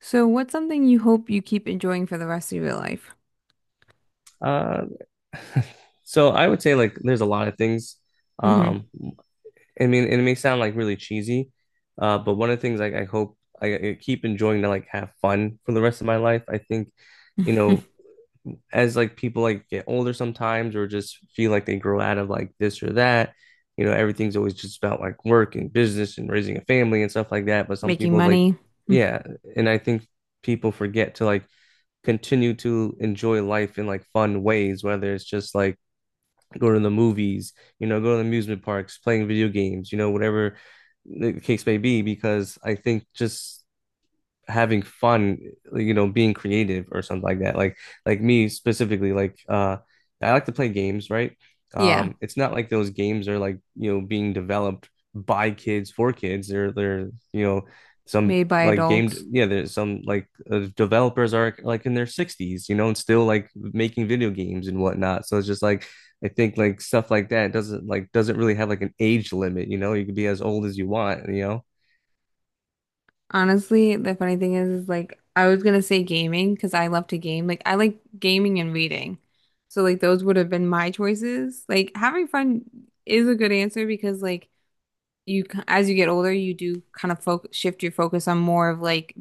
So, what's something you hope you keep enjoying for the rest of your life? Uh, so I would say like there's a lot of things. Hmm. Um, I mean, it may sound like really cheesy, but one of the things like I hope I keep enjoying to like have fun for the rest of my life. I think, you know, as like people like get older sometimes or just feel like they grow out of like this or that, you know, everything's always just about like work and business and raising a family and stuff like that. But some Making people like, money. Mm. yeah, and I think people forget to like continue to enjoy life in like fun ways, whether it's just like go to the movies, you know, go to the amusement parks, playing video games, you know, whatever the case may be, because I think just having fun, you know, being creative or something like that. Like me specifically, like I like to play games, right? Yeah, It's not like those games are like, you know, being developed by kids for kids. They're, you know, some made by like game adults. yeah, there's some like developers are like in their 60s, you know, and still like making video games and whatnot. So it's just like I think like stuff like that doesn't really have like an age limit, you know. You can be as old as you want, you know. Honestly, the funny thing is I was gonna say gaming because I love to game. Like I like gaming and reading. So like those would have been my choices. Like having fun is a good answer because like as you get older, you do kind of focus shift your focus on more of like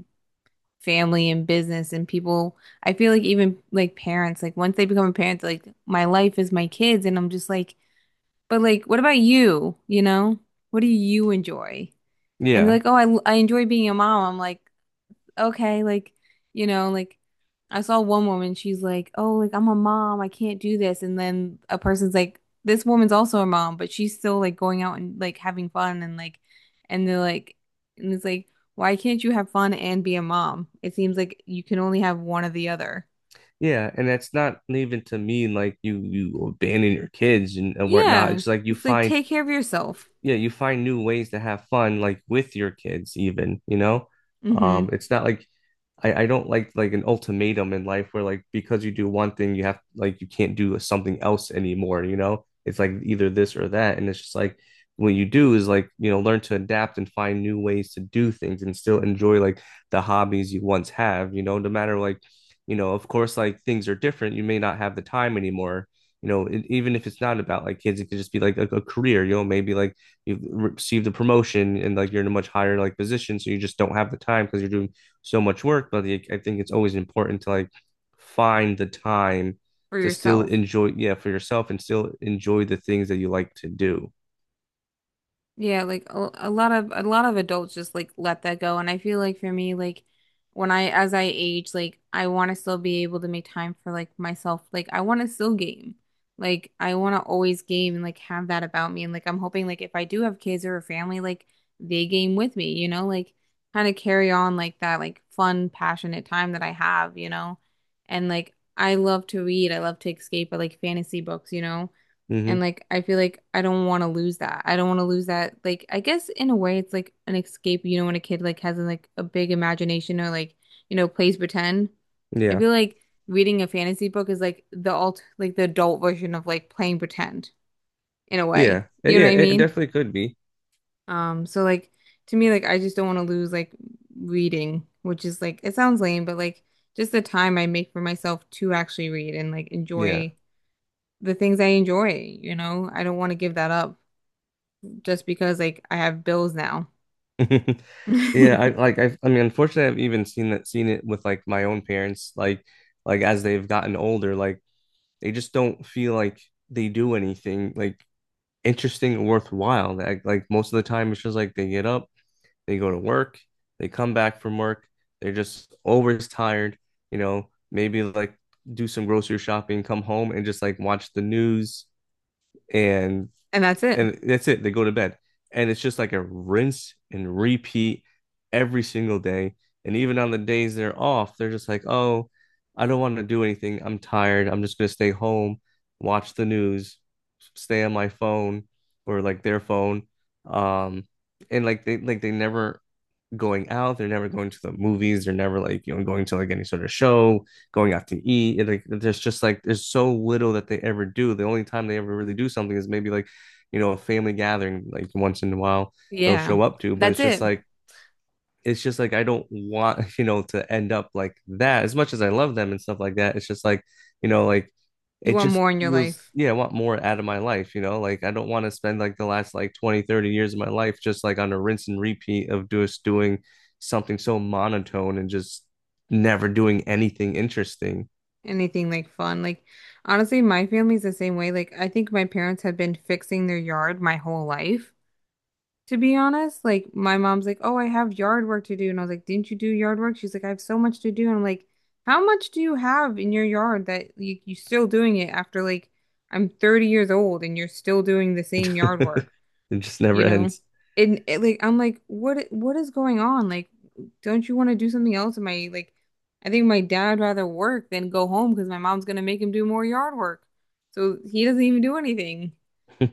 family and business and people. I feel like even like parents, like once they become a parent, they're like, my life is my kids, and I'm just like, but like, what about you? You know, what do you enjoy? And they're Yeah. like, oh, I enjoy being a mom. I'm like, okay, like, you know, like I saw one woman, she's like, oh, like I'm a mom, I can't do this. And then a person's like, this woman's also a mom, but she's still like going out and like having fun and like, and they're like, and it's like, why can't you have fun and be a mom? It seems like you can only have one or the other. Yeah, and that's not even to mean like you abandon your kids and whatnot. Yeah. It's like you It's like find take care of yourself. yeah, you find new ways to have fun like with your kids even, you know? Mm-hmm. It's not like I don't like an ultimatum in life where like because you do one thing you have like you can't do something else anymore, you know? It's like either this or that. And it's just like what you do is like, you know, learn to adapt and find new ways to do things and still enjoy like the hobbies you once have, you know, no matter like, you know, of course, like things are different. You may not have the time anymore. You know, it, even if it's not about like kids, it could just be like a career, you know, maybe like you've received a promotion and like you're in a much higher like position. So you just don't have the time because you're doing so much work, but like, I think it's always important to like find the time For to still yourself. enjoy, yeah, for yourself and still enjoy the things that you like to do. Yeah, like a lot of adults just like let that go. And I feel like for me, like when I as I age, like I want to still be able to make time for like myself. Like I want to still game. Like I want to always game and like have that about me. And like I'm hoping like if I do have kids or a family, like they game with me, you know, like kind of carry on like that like fun, passionate time that I have, you know. And like I love to read. I love to escape. I like fantasy books, you know. And Hmm. like I feel like I don't want to lose that. I don't want to lose that. Like I guess in a way it's like an escape, you know, when a kid like has like a big imagination or like, you know, plays pretend. I Yeah. feel like reading a fantasy book is like the alt like the adult version of like playing pretend in a way. Yeah. Eh, You know yeah. what I It mean? definitely could be. So like to me, like I just don't want to lose like reading, which is like it sounds lame, but like just the time I make for myself to actually read and like Yeah. enjoy the things I enjoy, you know? I don't want to give that up, just because like I have bills now. Yeah. I like, I've, I mean, unfortunately, I've even seen seen it with like my own parents, like as they've gotten older, like they just don't feel like they do anything like interesting or worthwhile. Like most of the time, it's just like they get up. They go to work, they come back from work, they're just always tired, you know, maybe like do some grocery shopping, come home and just like watch the news and And that's it. and that's it. They go to bed. And it's just like a rinse and repeat every single day. And even on the days they're off, they're just like, oh, I don't want to do anything. I'm tired. I'm just gonna stay home, watch the news, stay on my phone or like their phone. Um, and like they never going out. They're never going to the movies. They're never like you know going to like any sort of show, going out to eat. It, like there's just like there's so little that they ever do. The only time they ever really do something is maybe like you know a family gathering like once in a while they'll Yeah. show up to, but That's it's just it. like it's just like I don't want, you know, to end up like that. As much as I love them and stuff like that, it's just like, you know, like You it want just more in your feels, life. yeah, I want more out of my life, you know? Like I don't want to spend like the last like 20, 30 years of my life just like on a rinse and repeat of just doing something so monotone and just never doing anything interesting. Anything like fun. Like honestly, my family's the same way. Like I think my parents have been fixing their yard my whole life, to be honest. Like my mom's like, "Oh, I have yard work to do." And I was like, "Didn't you do yard work?" She's like, "I have so much to do." And I'm like, "How much do you have in your yard that you still doing it after like I'm 30 years old and you're still doing the same yard work?" It just never You know? ends. And it, like I'm like, what is going on? Like, don't you want to do something else? Am I like, I think my dad rather work than go home because my mom's gonna make him do more yard work. So he doesn't even do anything.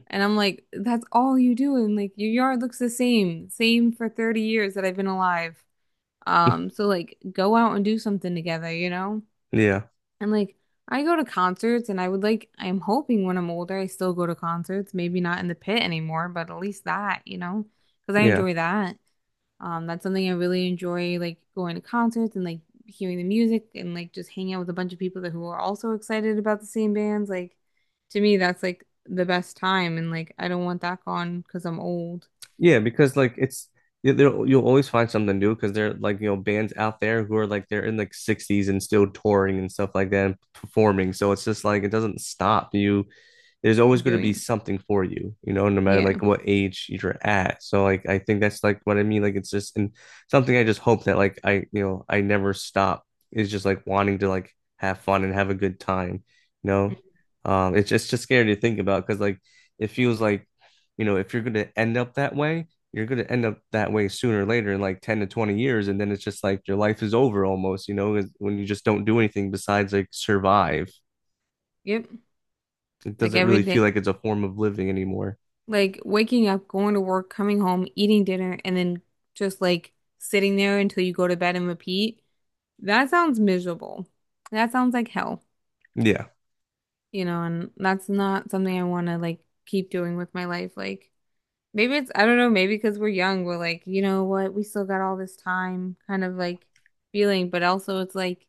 And I'm like, that's all you do. And like your yard looks same for 30 years that I've been alive. So like go out and do something together, you know? Yeah. And like I go to concerts and I would like, I'm hoping when I'm older I still go to concerts, maybe not in the pit anymore, but at least that, you know, because I Yeah. enjoy that. That's something I really enjoy, like going to concerts and like hearing the music and like just hanging out with a bunch of people that who are also excited about the same bands. Like to me, that's like the best time, and like I don't want that gone because I'm old. Yeah, because like it's you- there- you'll always find something new because there are like you know bands out there who are like they're in like 60s and still touring and stuff like that and performing. So it's just like it doesn't stop. You there's I'm always going to be doing, something for you, you know, no matter yeah. like what age you're at. So like I think that's like what I mean. Like it's just and something I just hope that like I you know I never stop is just like wanting to like have fun and have a good time, you know. Mhm. It's just scary to think about because like it feels like you know if you're going to end up that way, you're going to end up that way sooner or later in like 10 to 20 years and then it's just like your life is over almost you know, when you just don't do anything besides like survive Yep, it like doesn't every really feel day. like it's a form of living anymore. Like waking up, going to work, coming home, eating dinner, and then just like sitting there until you go to bed and repeat. That sounds miserable. That sounds like hell, Yeah. you know, and that's not something I want to like keep doing with my life. Like maybe it's, I don't know, maybe because we're young, we're like, you know what, we still got all this time kind of like feeling, but also it's like,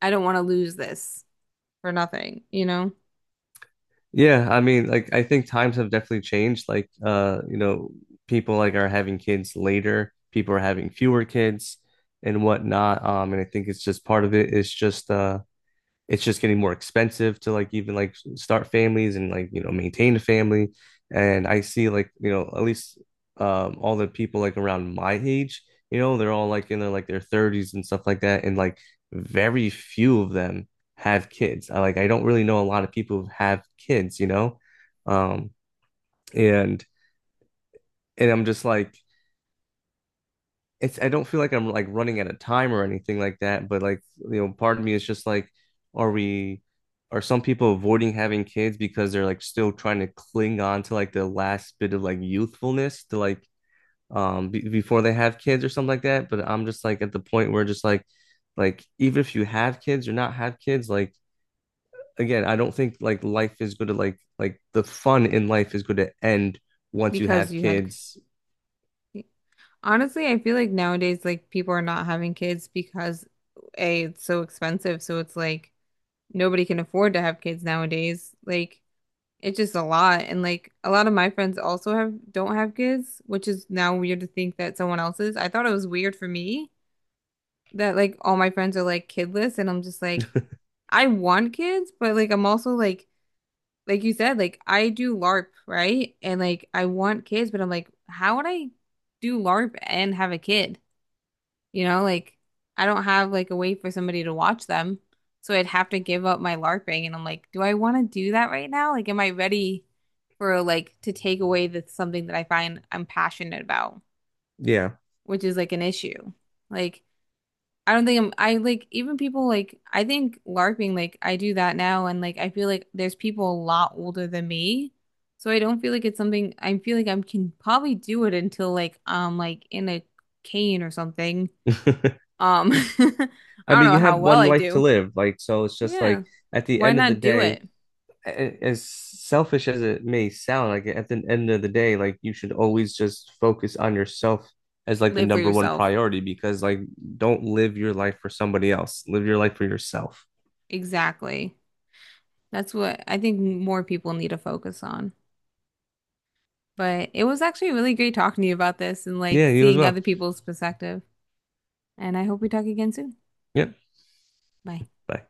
I don't want to lose this for nothing, you know, Yeah, I mean, like I think times have definitely changed. Like you know, people like are having kids later, people are having fewer kids and whatnot. And I think it's just part of it. It's just getting more expensive to like even like start families and like you know maintain a family and I see like you know at least all the people like around my age you know they're all like in their 30s and stuff like that and like very few of them have kids I like I don't really know a lot of people who have kids you know um and and I'm just like it's I don't feel like I'm like running out of time or anything like that, but like you know, part of me is just like, are we are some people avoiding having kids because they're like still trying to cling on to like the last bit of like youthfulness to like be before they have kids or something like that. But I'm just like at the point where just like even if you have kids or not have kids, like again, I don't think like life is going to like the fun in life is going to end once you because have you had. kids. Honestly, I feel like nowadays, like people are not having kids because A, it's so expensive. So it's like nobody can afford to have kids nowadays. Like it's just a lot. And like a lot of my friends also have don't have kids, which is now weird to think that someone else's. I thought it was weird for me that like all my friends are like kidless and I'm just like, I want kids, but like I'm also like you said, like I do LARP, right? And like I want kids, but I'm like, how would I do LARP and have a kid? You know, like I don't have like a way for somebody to watch them. So I'd have to give up my LARPing and I'm like, do I want to do that right now? Like, am I ready for like to take away the something that I find I'm passionate about, Yeah. which is like an issue. Like, I don't think I'm I like even people, like I think LARPing, like I do that now and like I feel like there's people a lot older than me. So I don't feel like it's something, I feel like I can probably do it until like I'm like in a cane or something. Um, I I don't mean, know you how have well one I life to do. live, like so it's just Yeah. like at the Why end of the not do day, it? a- as selfish as it may sound, like at the end of the day, like you should always just focus on yourself as like the Live for number one yourself. priority because like don't live your life for somebody else. Live your life for yourself. Exactly. That's what I think more people need to focus on. But it was actually really great talking to you about this and like Yeah, you as seeing other well. people's perspective. And I hope we talk again soon. Yep. Bye. Bye.